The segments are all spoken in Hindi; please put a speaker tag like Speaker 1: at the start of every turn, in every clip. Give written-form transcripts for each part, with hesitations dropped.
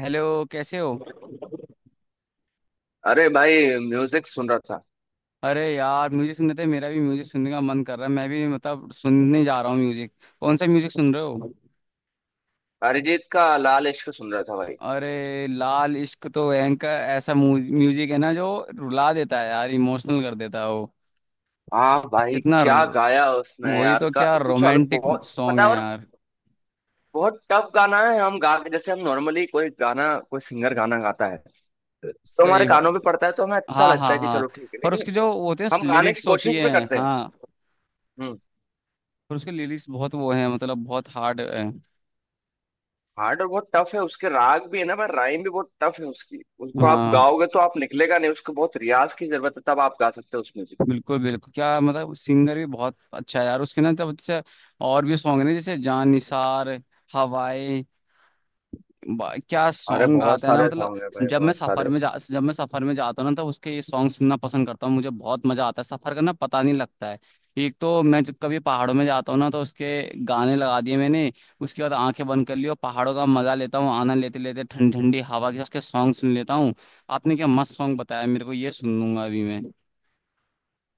Speaker 1: हेलो, कैसे हो?
Speaker 2: अरे भाई, म्यूजिक सुन रहा था।
Speaker 1: अरे यार, म्यूजिक सुनने थे। मेरा भी म्यूजिक सुनने का मन कर रहा है, मैं भी मतलब सुनने जा रहा हूँ म्यूजिक। कौन सा म्यूजिक सुन रहे हो?
Speaker 2: अरिजीत का लाल इश्क सुन रहा था भाई।
Speaker 1: अरे लाल इश्क तो एंकर ऐसा म्यूजिक है ना, जो रुला देता है यार, इमोशनल कर देता है वो।
Speaker 2: हाँ भाई,
Speaker 1: कितना
Speaker 2: क्या
Speaker 1: र-
Speaker 2: गाया उसने
Speaker 1: वही
Speaker 2: यार,
Speaker 1: तो,
Speaker 2: का
Speaker 1: क्या
Speaker 2: कुछ अलग
Speaker 1: रोमांटिक
Speaker 2: बहुत
Speaker 1: सॉन्ग
Speaker 2: पता
Speaker 1: है
Speaker 2: है। और
Speaker 1: यार।
Speaker 2: बहुत टफ गाना है। हम गा जैसे हम नॉर्मली कोई गाना, कोई सिंगर गाना गाता है तो हमारे
Speaker 1: सही बात।
Speaker 2: कानों पे पड़ता है तो हमें अच्छा
Speaker 1: हाँ
Speaker 2: लगता
Speaker 1: हाँ
Speaker 2: है कि
Speaker 1: हाँ।
Speaker 2: चलो ठीक है,
Speaker 1: और
Speaker 2: लेकिन
Speaker 1: उसकी जो वो होते
Speaker 2: हम
Speaker 1: हैं
Speaker 2: गाने की
Speaker 1: लिरिक्स होती
Speaker 2: कोशिश भी
Speaker 1: है,
Speaker 2: करते हैं।
Speaker 1: हाँ।
Speaker 2: हम्म।
Speaker 1: और उसके लिरिक्स बहुत वो है, मतलब बहुत हार्ड है।
Speaker 2: हार्ड और बहुत टफ है। उसके राग भी है ना, पर राइम भी बहुत टफ है उसकी। उसको आप
Speaker 1: हाँ,
Speaker 2: गाओगे तो आप निकलेगा नहीं। उसको बहुत रियाज की जरूरत है, तब आप गा सकते हो उस म्यूजिक को।
Speaker 1: बिल्कुल बिल्कुल, क्या मतलब सिंगर भी बहुत अच्छा है यार उसके ना तब जैसे। और भी सॉन्ग ने जैसे जान निसार, हवाएं। क्या
Speaker 2: अरे
Speaker 1: सॉन्ग
Speaker 2: बहुत
Speaker 1: गाता है ना
Speaker 2: सारे
Speaker 1: मतलब।
Speaker 2: सॉन्ग है भाई, बहुत सारे।
Speaker 1: जब मैं सफर में जाता हूँ ना, तो उसके ये सॉन्ग सुनना पसंद करता हूँ। मुझे बहुत मजा आता है, सफर करना पता नहीं लगता है। एक तो मैं जब कभी पहाड़ों में जाता हूँ ना, तो उसके गाने लगा दिए मैंने। उसके बाद आंखें बंद कर ली और पहाड़ों का मजा लेता हूँ, आनंद लेते लेते ठंडी ठंडी हवा के उसके सॉन्ग सुन लेता हूँ। आपने क्या मस्त सॉन्ग बताया मेरे को, ये सुन लूंगा अभी मैं।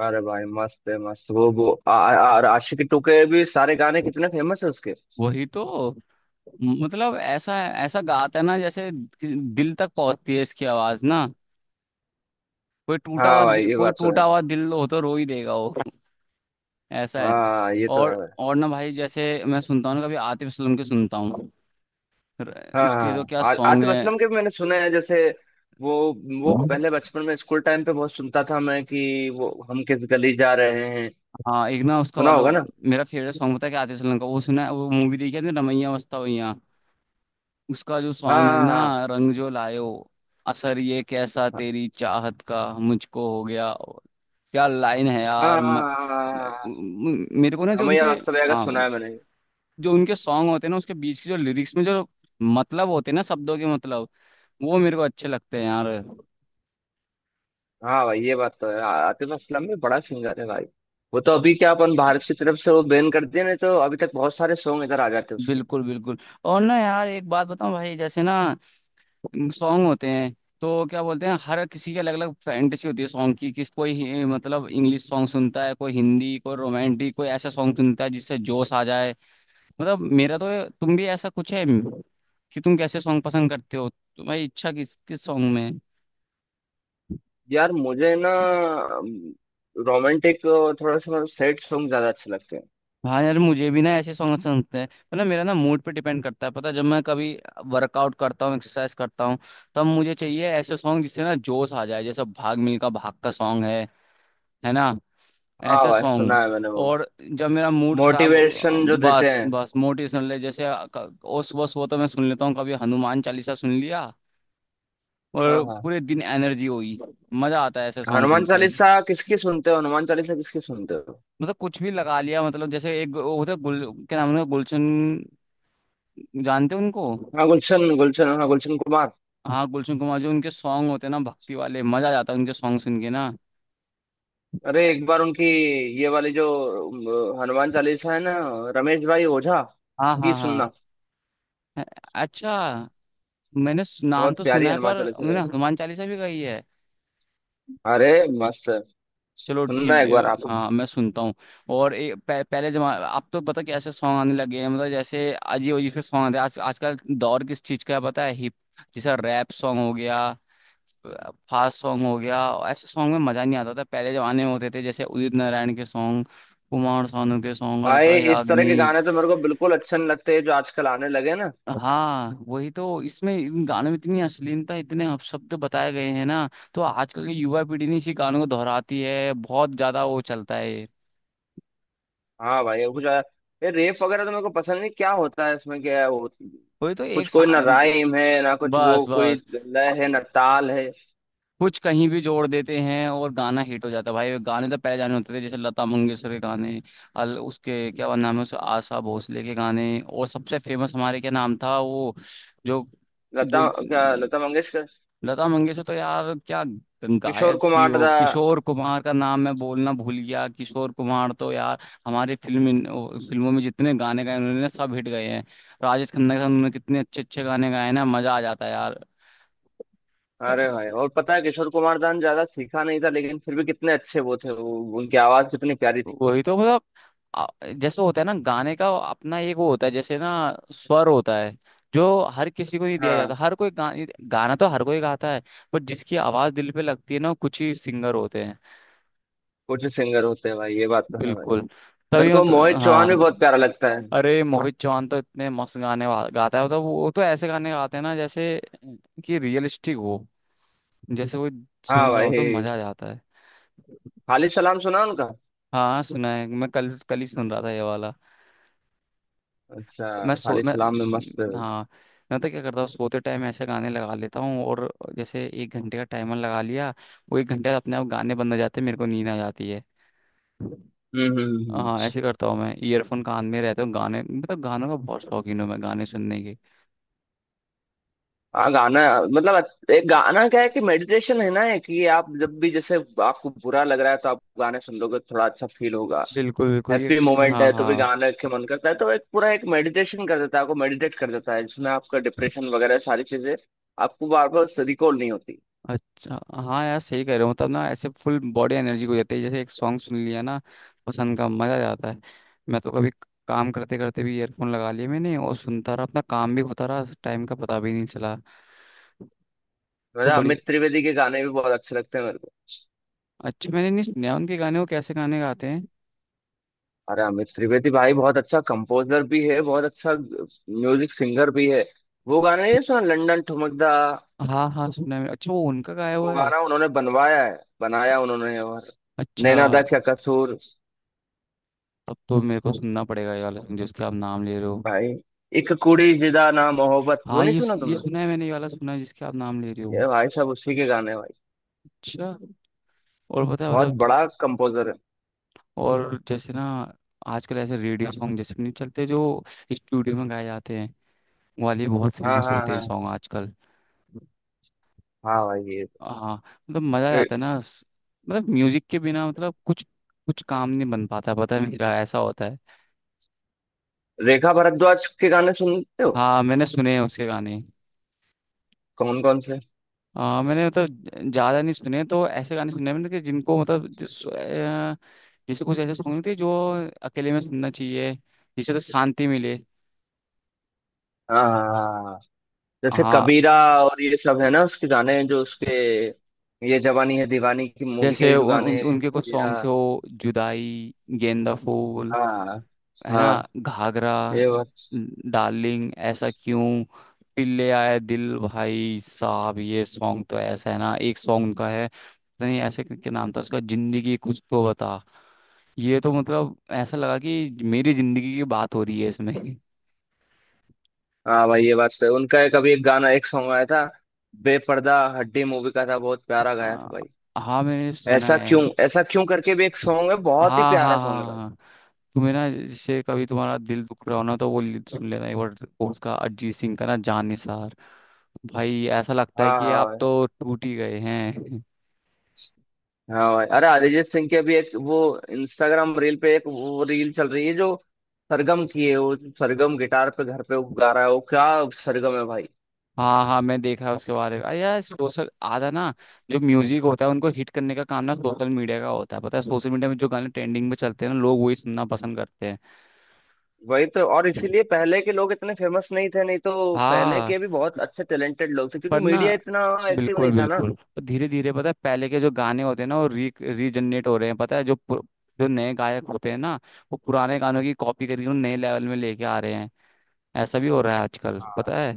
Speaker 2: अरे भाई मस्त है, मस्त वो आ, आ, और आशिकी टू के भी सारे गाने कितने फेमस है उसके।
Speaker 1: वही तो मतलब, ऐसा ऐसा गाता है ना जैसे। दिल तक पहुंचती है इसकी आवाज ना।
Speaker 2: हाँ भाई, ये
Speaker 1: कोई
Speaker 2: बात तो है।
Speaker 1: टूटा हुआ दिल हो तो रो ही देगा वो। ऐसा है।
Speaker 2: हाँ, ये तो
Speaker 1: और
Speaker 2: है भाई।
Speaker 1: और ना भाई, जैसे मैं सुनता हूँ ना कभी आतिफ असलम के सुनता हूँ।
Speaker 2: हाँ हाँ
Speaker 1: उसके जो क्या
Speaker 2: हाँ।
Speaker 1: सॉन्ग
Speaker 2: आतिफ
Speaker 1: है।
Speaker 2: असलम के भी मैंने सुने हैं। जैसे वो पहले बचपन में स्कूल टाइम पे बहुत सुनता था मैं, कि वो हम किस गली जा रहे हैं।
Speaker 1: हाँ एक ना उसका
Speaker 2: सुना
Speaker 1: वाला।
Speaker 2: होगा ना।
Speaker 1: मेरा फेवरेट सॉन्ग पता है क्या आतिफ असलम का, वो सुना है? वो मूवी देखी है ना, रमैया मस्ता भैया। उसका जो सॉन्ग है
Speaker 2: हाँ
Speaker 1: ना,
Speaker 2: हाँ
Speaker 1: रंग जो लायो, असर ये कैसा
Speaker 2: हाँ
Speaker 1: तेरी चाहत का मुझको हो गया। क्या लाइन है
Speaker 2: हाँ,
Speaker 1: यार। म,
Speaker 2: हाँ हाँ हाँ, हाँ।
Speaker 1: म- मेरे को ना जो
Speaker 2: रमैया
Speaker 1: उनके,
Speaker 2: वास्तव का
Speaker 1: हाँ,
Speaker 2: सुना है मैंने।
Speaker 1: जो उनके सॉन्ग होते हैं ना उसके बीच के जो लिरिक्स में जो मतलब होते हैं ना शब्दों के मतलब, वो मेरे को अच्छे लगते हैं यार।
Speaker 2: हाँ भाई, ये बात तो है। आतिफ असलम भी बड़ा सिंगर है भाई। वो तो
Speaker 1: ओ,
Speaker 2: अभी क्या अपन भारत की तरफ से वो बैन कर दिया, नहीं तो अभी तक बहुत सारे सॉन्ग इधर आ जाते उसके।
Speaker 1: बिल्कुल बिल्कुल। और ना यार, एक बात बताऊं भाई जैसे ना, सॉन्ग होते हैं तो क्या बोलते हैं, हर किसी की अलग अलग फैंटेसी होती है सॉन्ग की। किस कोई मतलब इंग्लिश सॉन्ग सुनता है, कोई हिंदी, कोई रोमांटिक, कोई ऐसा सॉन्ग सुनता है जिससे जोश आ जाए। मतलब मेरा तो तुम भी ऐसा कुछ है कि तुम कैसे सॉन्ग पसंद करते हो? तुम्हारी इच्छा किस किस सॉन्ग में है?
Speaker 2: यार मुझे ना रोमांटिक, थोड़ा सा सैड सॉन्ग ज्यादा अच्छे लगते हैं।
Speaker 1: हाँ यार मुझे भी ना ऐसे सॉन्ग पसंद होते हैं। मतलब मेरा ना मूड पे डिपेंड करता है पता है, जब मैं कभी वर्कआउट करता हूँ, एक्सरसाइज करता हूँ, तब मुझे चाहिए ऐसे सॉन्ग जिससे ना जोश आ जाए, जैसे भाग मिल्खा भाग का सॉन्ग है ना।
Speaker 2: हाँ
Speaker 1: ऐसे
Speaker 2: भाई,
Speaker 1: सॉन्ग।
Speaker 2: सुना है मैंने वो।
Speaker 1: और जब मेरा मूड खराब हो,
Speaker 2: मोटिवेशन जो देते
Speaker 1: बस
Speaker 2: हैं।
Speaker 1: बस मोटिवेशनल है, जैसे अ- क- ओ सुबह सुबह तो मैं सुन लेता हूँ, कभी हनुमान चालीसा सुन लिया
Speaker 2: हाँ
Speaker 1: और
Speaker 2: हाँ।
Speaker 1: पूरे दिन एनर्जी हुई। मजा आता है ऐसे सॉन्ग
Speaker 2: हनुमान
Speaker 1: सुन के।
Speaker 2: चालीसा किसकी सुनते हो? हनुमान चालीसा किसकी सुनते हो?
Speaker 1: मतलब कुछ भी लगा लिया, मतलब जैसे एक वो होता है गुल क्या नाम है उनका? गुलशन। जानते हो उनको?
Speaker 2: हाँ गुलशन, गुलशन, हाँ गुलशन कुमार।
Speaker 1: हाँ, गुलशन कुमार, जो उनके सॉन्ग होते हैं ना भक्ति वाले, मजा आ जाता है उनके सॉन्ग सुन के ना।
Speaker 2: अरे एक बार उनकी ये वाली जो हनुमान चालीसा है ना, रमेश भाई ओझा
Speaker 1: हाँ
Speaker 2: की
Speaker 1: हाँ हाँ।
Speaker 2: सुनना।
Speaker 1: अ- अच्छा, नाम
Speaker 2: बहुत
Speaker 1: तो
Speaker 2: प्यारी
Speaker 1: सुना है
Speaker 2: हनुमान
Speaker 1: पर
Speaker 2: चालीसा
Speaker 1: उन्होंने
Speaker 2: है।
Speaker 1: हनुमान चालीसा भी गाई है?
Speaker 2: अरे मस्त है,
Speaker 1: चलो
Speaker 2: सुनना
Speaker 1: ठीक
Speaker 2: एक
Speaker 1: है,
Speaker 2: बार आप।
Speaker 1: हाँ मैं सुनता हूँ। और पहले जमा अब तो पता कैसे सॉन्ग आने लगे हैं, मतलब जैसे अजीब अजीब से सॉन्ग आते हैं आज आजकल। दौर किस चीज़ का है पता है? हिप, जैसा रैप सॉन्ग हो गया, फास्ट सॉन्ग हो गया। ऐसे सॉन्ग में मज़ा नहीं आता। था पहले जमाने में होते थे जैसे उदित नारायण के सॉन्ग, कुमार सानू के सॉन्ग,
Speaker 2: भाई
Speaker 1: अलका
Speaker 2: इस तरह के
Speaker 1: याग्निक।
Speaker 2: गाने तो मेरे को बिल्कुल अच्छे नहीं लगते जो आजकल आने लगे ना।
Speaker 1: हाँ वही तो, इसमें इन गानों में इतनी अश्लीलता इतने अपशब्द बताए गए हैं ना, तो आजकल की युवा पीढ़ी ने इसी गानों को दोहराती है बहुत ज्यादा, वो चलता है ये।
Speaker 2: हाँ भाई, कुछ ये रेप वगैरह तो मेरे को पसंद नहीं। क्या होता है इसमें, क्या है वो,
Speaker 1: वही तो एक,
Speaker 2: कुछ कोई ना राइम है ना कुछ, वो
Speaker 1: बस
Speaker 2: कोई
Speaker 1: बस,
Speaker 2: लय है ना ताल है।
Speaker 1: कुछ कहीं भी जोड़ देते हैं और गाना हिट हो जाता है भाई। गाने तो पहले जाने होते थे, जैसे लता मंगेशकर के गाने, अल उसके क्या नाम है, उस आशा भोसले के गाने, और सबसे फेमस हमारे क्या नाम था वो, जो जो,
Speaker 2: लता, क्या लता मंगेशकर।
Speaker 1: लता मंगेशकर तो यार क्या
Speaker 2: किशोर
Speaker 1: गायक थी
Speaker 2: कुमार
Speaker 1: वो।
Speaker 2: दा।
Speaker 1: किशोर कुमार का नाम मैं बोलना भूल गया, किशोर कुमार तो यार हमारी फिल्मों में जितने गाने गाए उन्होंने सब हिट गए हैं। राजेश खन्ना के साथ उन्होंने कितने अच्छे अच्छे गाने गाए हैं ना, मजा आ जाता है यार।
Speaker 2: अरे भाई, और पता है किशोर कुमार दा ने ज्यादा सीखा नहीं था, लेकिन फिर भी कितने अच्छे वो थे। वो उनकी आवाज कितनी प्यारी थी।
Speaker 1: वही तो मतलब, आ- जैसे होता है ना गाने का अपना एक वो होता है, जैसे ना स्वर होता है जो हर किसी को नहीं दिया जाता।
Speaker 2: हाँ,
Speaker 1: हर कोई गाना तो हर कोई गाता है, बट जिसकी आवाज दिल पे लगती है ना, वो कुछ ही सिंगर होते हैं।
Speaker 2: कुछ सिंगर होते हैं भाई, ये बात तो है भाई।
Speaker 1: बिल्कुल,
Speaker 2: मेरे
Speaker 1: तभी
Speaker 2: को मोहित
Speaker 1: मतलब, हाँ।
Speaker 2: चौहान भी बहुत प्यारा लगता है।
Speaker 1: अरे मोहित चौहान तो इतने मस्त गाता है, मतलब वो तो ऐसे गाने गाते हैं ना जैसे कि रियलिस्टिक हो, जैसे कोई
Speaker 2: हाँ
Speaker 1: सुन रहा हो, तो
Speaker 2: भाई।
Speaker 1: मजा आ जाता है।
Speaker 2: खालिद सलाम सुना उनका?
Speaker 1: हाँ सुना है, मैं कल कल ही सुन रहा था ये वाला।
Speaker 2: अच्छा।
Speaker 1: मैं सो
Speaker 2: खालिद
Speaker 1: मैं
Speaker 2: सलाम में मस्त है।
Speaker 1: हाँ, मैं तो क्या करता हूँ, सोते टाइम ऐसे गाने लगा लेता हूँ और जैसे एक घंटे का टाइमर लगा लिया, वो एक घंटे अपने आप गाने बंद हो जाते हैं, मेरे को नींद आ जाती है।
Speaker 2: हम्म हम्म हम्म हम्म।
Speaker 1: हाँ ऐसे करता हूँ मैं, ईयरफोन कान में रहते हूँ गाने, मतलब गानों का बहुत शौकीन हूँ मैं गाने सुनने की।
Speaker 2: हाँ गाना, मतलब एक गाना क्या है कि मेडिटेशन है ना, है कि ये आप जब भी, जैसे आपको बुरा लग रहा है तो आप गाने सुन लोगे, थोड़ा अच्छा फील होगा।
Speaker 1: बिल्कुल बिल्कुल ये,
Speaker 2: हैप्पी मोमेंट
Speaker 1: हाँ
Speaker 2: है तो भी
Speaker 1: हाँ,
Speaker 2: गाने के मन करता है। तो एक पूरा एक मेडिटेशन कर देता है आपको, मेडिटेट कर देता है जिसमें आपका डिप्रेशन वगैरह सारी चीजें आपको बार बार रिकॉल नहीं होती।
Speaker 1: अच्छा, हाँ यार सही कह रहे हो, मतलब ना ऐसे फुल बॉडी एनर्जी हो जाती है जैसे एक सॉन्ग सुन लिया ना पसंद का, मजा आ जाता है। मैं तो कभी काम करते करते भी ईयरफोन लगा लिए मैंने और सुनता रहा, अपना काम भी होता रहा, टाइम का पता भी नहीं चला। तो
Speaker 2: मेरा
Speaker 1: बड़ी,
Speaker 2: अमित त्रिवेदी के गाने भी बहुत अच्छे लगते हैं मेरे को।
Speaker 1: अच्छा मैंने नहीं सुना उनके गाने, वो कैसे गाने गाते हैं?
Speaker 2: अरे अमित त्रिवेदी भाई बहुत अच्छा कंपोजर भी है, बहुत अच्छा म्यूजिक सिंगर भी है। वो गाना नहीं सुना, लंदन ठुमकदा?
Speaker 1: हाँ हाँ सुना है मैंने। अच्छा, वो उनका गाया
Speaker 2: वो
Speaker 1: हुआ है?
Speaker 2: गाना उन्होंने बनवाया है, बनाया उन्होंने।
Speaker 1: अच्छा,
Speaker 2: नैना दा क्या कसूर।
Speaker 1: तब तो मेरे को सुनना पड़ेगा ये वाला song जिसके आप नाम ले रहे हो।
Speaker 2: भाई एक कुड़ी जिदा ना मोहब्बत, वो
Speaker 1: हाँ,
Speaker 2: नहीं
Speaker 1: ये
Speaker 2: सुना
Speaker 1: ये
Speaker 2: तुमने?
Speaker 1: सुना है मैंने, ये वाला सुना है जिसके आप नाम ले रहे
Speaker 2: ये
Speaker 1: हो।
Speaker 2: भाई साहब उसी के गाने भाई।
Speaker 1: अच्छा। और पता है
Speaker 2: बहुत
Speaker 1: मतलब,
Speaker 2: बड़ा कंपोजर है।
Speaker 1: और जैसे ना आजकल ऐसे रेडियो सॉन्ग जैसे नहीं चलते जो स्टूडियो में गाए जाते हैं, वो वाले बहुत
Speaker 2: हाँ
Speaker 1: फेमस
Speaker 2: हाँ
Speaker 1: होते हैं
Speaker 2: हाँ।
Speaker 1: सॉन्ग आजकल।
Speaker 2: हाँ भाई ये तो।
Speaker 1: हाँ, मतलब मजा
Speaker 2: रे,
Speaker 1: आता है ना। मतलब म्यूजिक के बिना मतलब कुछ कुछ काम नहीं बन पाता, पता है मेरा ऐसा होता है।
Speaker 2: रेखा भारद्वाज के गाने सुनते हो?
Speaker 1: हाँ मैंने सुने हैं उसके गाने।
Speaker 2: कौन कौन से?
Speaker 1: मैंने मतलब ज्यादा नहीं सुने, तो ऐसे गाने सुने हैं मैंने कि जिनको मतलब। जैसे कुछ ऐसे सॉन्ग थे जो अकेले में सुनना चाहिए, जिससे तो शांति मिले।
Speaker 2: हाँ हाँ, हाँ। जैसे
Speaker 1: हाँ,
Speaker 2: कबीरा, और ये सब है ना उसके गाने, जो उसके, ये जवानी है दीवानी की मूवी
Speaker 1: जैसे
Speaker 2: के जो
Speaker 1: उन,
Speaker 2: गाने
Speaker 1: उन,
Speaker 2: हैं,
Speaker 1: उनके कुछ सॉन्ग
Speaker 2: कबीरा।
Speaker 1: थे, वो जुदाई, गेंदा फूल,
Speaker 2: हाँ
Speaker 1: है ना,
Speaker 2: हाँ,
Speaker 1: घाघरा,
Speaker 2: ये बात।
Speaker 1: डार्लिंग ऐसा क्यों, फिर ले आया दिल। भाई साहब ये सॉन्ग तो ऐसा है ना, एक सॉन्ग उनका है पता नहीं ऐसे क्या नाम था उसका, जिंदगी कुछ तो बता। ये तो मतलब, ऐसा लगा कि मेरी जिंदगी की बात हो रही है इसमें।
Speaker 2: हाँ भाई ये बात तो है। उनका एक अभी एक गाना एक सॉन्ग आया था, बेपर्दा हड्डी मूवी का था, बहुत प्यारा गाया
Speaker 1: आ,
Speaker 2: था भाई।
Speaker 1: हाँ, मैंने सुना
Speaker 2: ऐसा
Speaker 1: है।
Speaker 2: क्यों, ऐसा क्यों करके भी एक सॉन्ग है, बहुत ही
Speaker 1: हाँ हाँ
Speaker 2: प्यारा
Speaker 1: हाँ
Speaker 2: सॉन्ग है भाई।
Speaker 1: हाँ। तुम्हें ना, जैसे कभी तुम्हारा दिल दुख रहा हो ना, तो वो लीड सुन लेना एक बार, वो उसका अरिजीत सिंह का ना, जान निसार। भाई ऐसा लगता है
Speaker 2: हाँ
Speaker 1: कि
Speaker 2: हाँ
Speaker 1: आप
Speaker 2: भाई।
Speaker 1: तो टूट ही गए हैं।
Speaker 2: हाँ भाई, अरे अरिजीत सिंह के भी एक वो इंस्टाग्राम रील पे एक वो रील चल रही है जो सरगम की है। वो सरगम गिटार पे घर पे वो गा रहा है। वो क्या सरगम है भाई।
Speaker 1: हाँ हाँ, मैं देखा है उसके बारे में। अरे यार, सोशल आधा ना, जो म्यूजिक होता है उनको हिट करने का काम ना सोशल मीडिया का होता है, पता है? सोशल मीडिया में जो गाने ट्रेंडिंग में चलते हैं ना, लोग वही सुनना पसंद करते हैं।
Speaker 2: वही तो, और इसीलिए पहले के लोग इतने फेमस नहीं थे, नहीं तो पहले
Speaker 1: हाँ,
Speaker 2: के भी बहुत अच्छे टैलेंटेड लोग थे क्योंकि
Speaker 1: पर ना,
Speaker 2: मीडिया इतना एक्टिव
Speaker 1: बिल्कुल
Speaker 2: नहीं था ना।
Speaker 1: बिल्कुल, धीरे धीरे पता है पहले के जो गाने होते हैं ना, वो री रीजनरेट हो रहे हैं, पता है। जो नए गायक होते हैं ना, वो पुराने गानों की कॉपी करके उन्हें नए लेवल में लेके आ रहे हैं। ऐसा भी हो रहा है आजकल, पता है।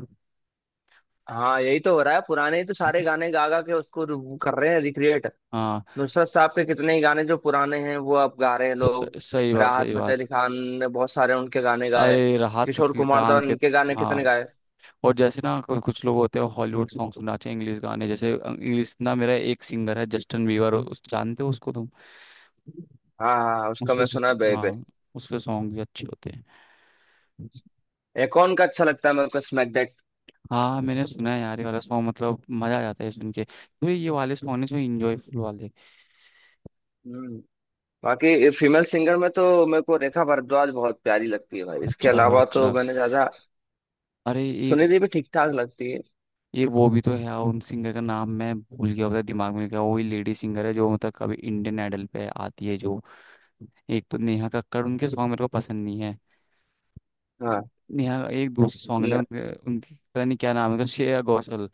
Speaker 2: हाँ यही तो हो रहा है, पुराने ही तो सारे गाने गा गा के उसको कर रहे हैं रिक्रिएट।
Speaker 1: हाँ,
Speaker 2: नुसरत साहब के कितने ही गाने जो पुराने हैं, वो अब गा रहे हैं लोग।
Speaker 1: सही बात,
Speaker 2: राहत
Speaker 1: सही
Speaker 2: फतेह
Speaker 1: बात।
Speaker 2: अली खान ने बहुत सारे उनके गाने गाए।
Speaker 1: अरे राहत
Speaker 2: किशोर
Speaker 1: फतेह
Speaker 2: कुमार दा
Speaker 1: खान के
Speaker 2: इनके गाने
Speaker 1: हाँ।
Speaker 2: कितने गाए।
Speaker 1: और जैसे ना कुछ लोग होते हैं हॉलीवुड सॉन्ग सुनना चाहिए, इंग्लिश गाने जैसे, इंग्लिश ना मेरा एक सिंगर है जस्टिन बीवर, उस जानते हो उसको तुम?
Speaker 2: हाँ हाँ हाँ, उसका मैं सुना है बेबे।
Speaker 1: हाँ, उसके सॉन्ग भी अच्छे होते हैं।
Speaker 2: एक और उनका अच्छा लगता है मेरे को, स्मैक दैट।
Speaker 1: हाँ मैंने सुना है यार ये वाला सॉन्ग, मतलब मजा आ जाता है सुन के, तो ये वाले सॉन्ग है जो इंजॉयफुल वाले।
Speaker 2: हम्म। बाकी फीमेल सिंगर में तो मेरे को रेखा भारद्वाज बहुत प्यारी लगती है भाई, इसके
Speaker 1: अच्छा
Speaker 2: अलावा तो
Speaker 1: अच्छा।
Speaker 2: मैंने ज्यादा।
Speaker 1: अरे एक
Speaker 2: सुनिधि भी ठीक ठाक लगती है।
Speaker 1: एक वो भी तो है यार, उन सिंगर का नाम मैं भूल गया पता, दिमाग में क्या वही लेडी सिंगर है जो मतलब कभी इंडियन आइडल पे आती है जो। एक तो नेहा कक्कड़, उनके सॉन्ग मेरे को पसंद नहीं है।
Speaker 2: हाँ।
Speaker 1: नेहा का एक दूसरी सॉन्ग है ना
Speaker 2: न-
Speaker 1: उनके उनकी पता नहीं क्या नाम है उनका, श्रेया घोषाल।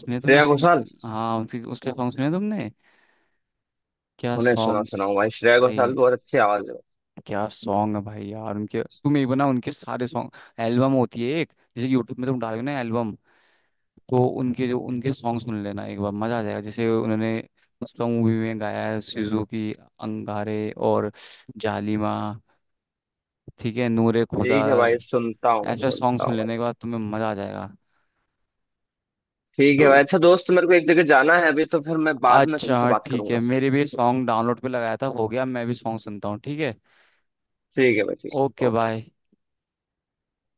Speaker 1: सुने तुमने
Speaker 2: श्रेया
Speaker 1: उसकी?
Speaker 2: घोषाल।
Speaker 1: हाँ उनकी, उसके सॉन्ग सुने तुमने? क्या
Speaker 2: उन्हें सुना
Speaker 1: सॉन्ग,
Speaker 2: सुनाऊं भाई, श्रेया घोषाल
Speaker 1: भाई,
Speaker 2: की बहुत अच्छी आवाज है।
Speaker 1: क्या सॉन्ग है भाई यार उनके। तुम एक बना उनके सारे सॉन्ग एल्बम होती है एक, जैसे यूट्यूब में तुम डालोगे ना एल्बम, तो उनके जो उनके सॉन्ग सुन लेना एक बार, मजा आ जाएगा। जैसे उन्होंने पुष्पा मूवी में गाया है सुजुकी अंगारे, और जालिमा, ठीक है, नूरे खुदा।
Speaker 2: ठीक है भाई, सुनता हूँ मैं,
Speaker 1: ऐसे सॉन्ग
Speaker 2: सुनता
Speaker 1: सुन
Speaker 2: हूँ
Speaker 1: लेने के
Speaker 2: भाई।
Speaker 1: बाद तुम्हें मजा आ जाएगा।
Speaker 2: ठीक
Speaker 1: तो
Speaker 2: है भाई। अच्छा दोस्त, मेरे को एक जगह जाना है अभी, तो फिर मैं बाद में तुमसे
Speaker 1: अच्छा,
Speaker 2: बात
Speaker 1: ठीक है,
Speaker 2: करूंगा।
Speaker 1: मेरे भी सॉन्ग डाउनलोड पे लगाया था, हो गया, मैं भी सॉन्ग सुनता हूँ, ठीक है।
Speaker 2: ठीक है भाई,
Speaker 1: ओके,
Speaker 2: ठीक।
Speaker 1: बाय।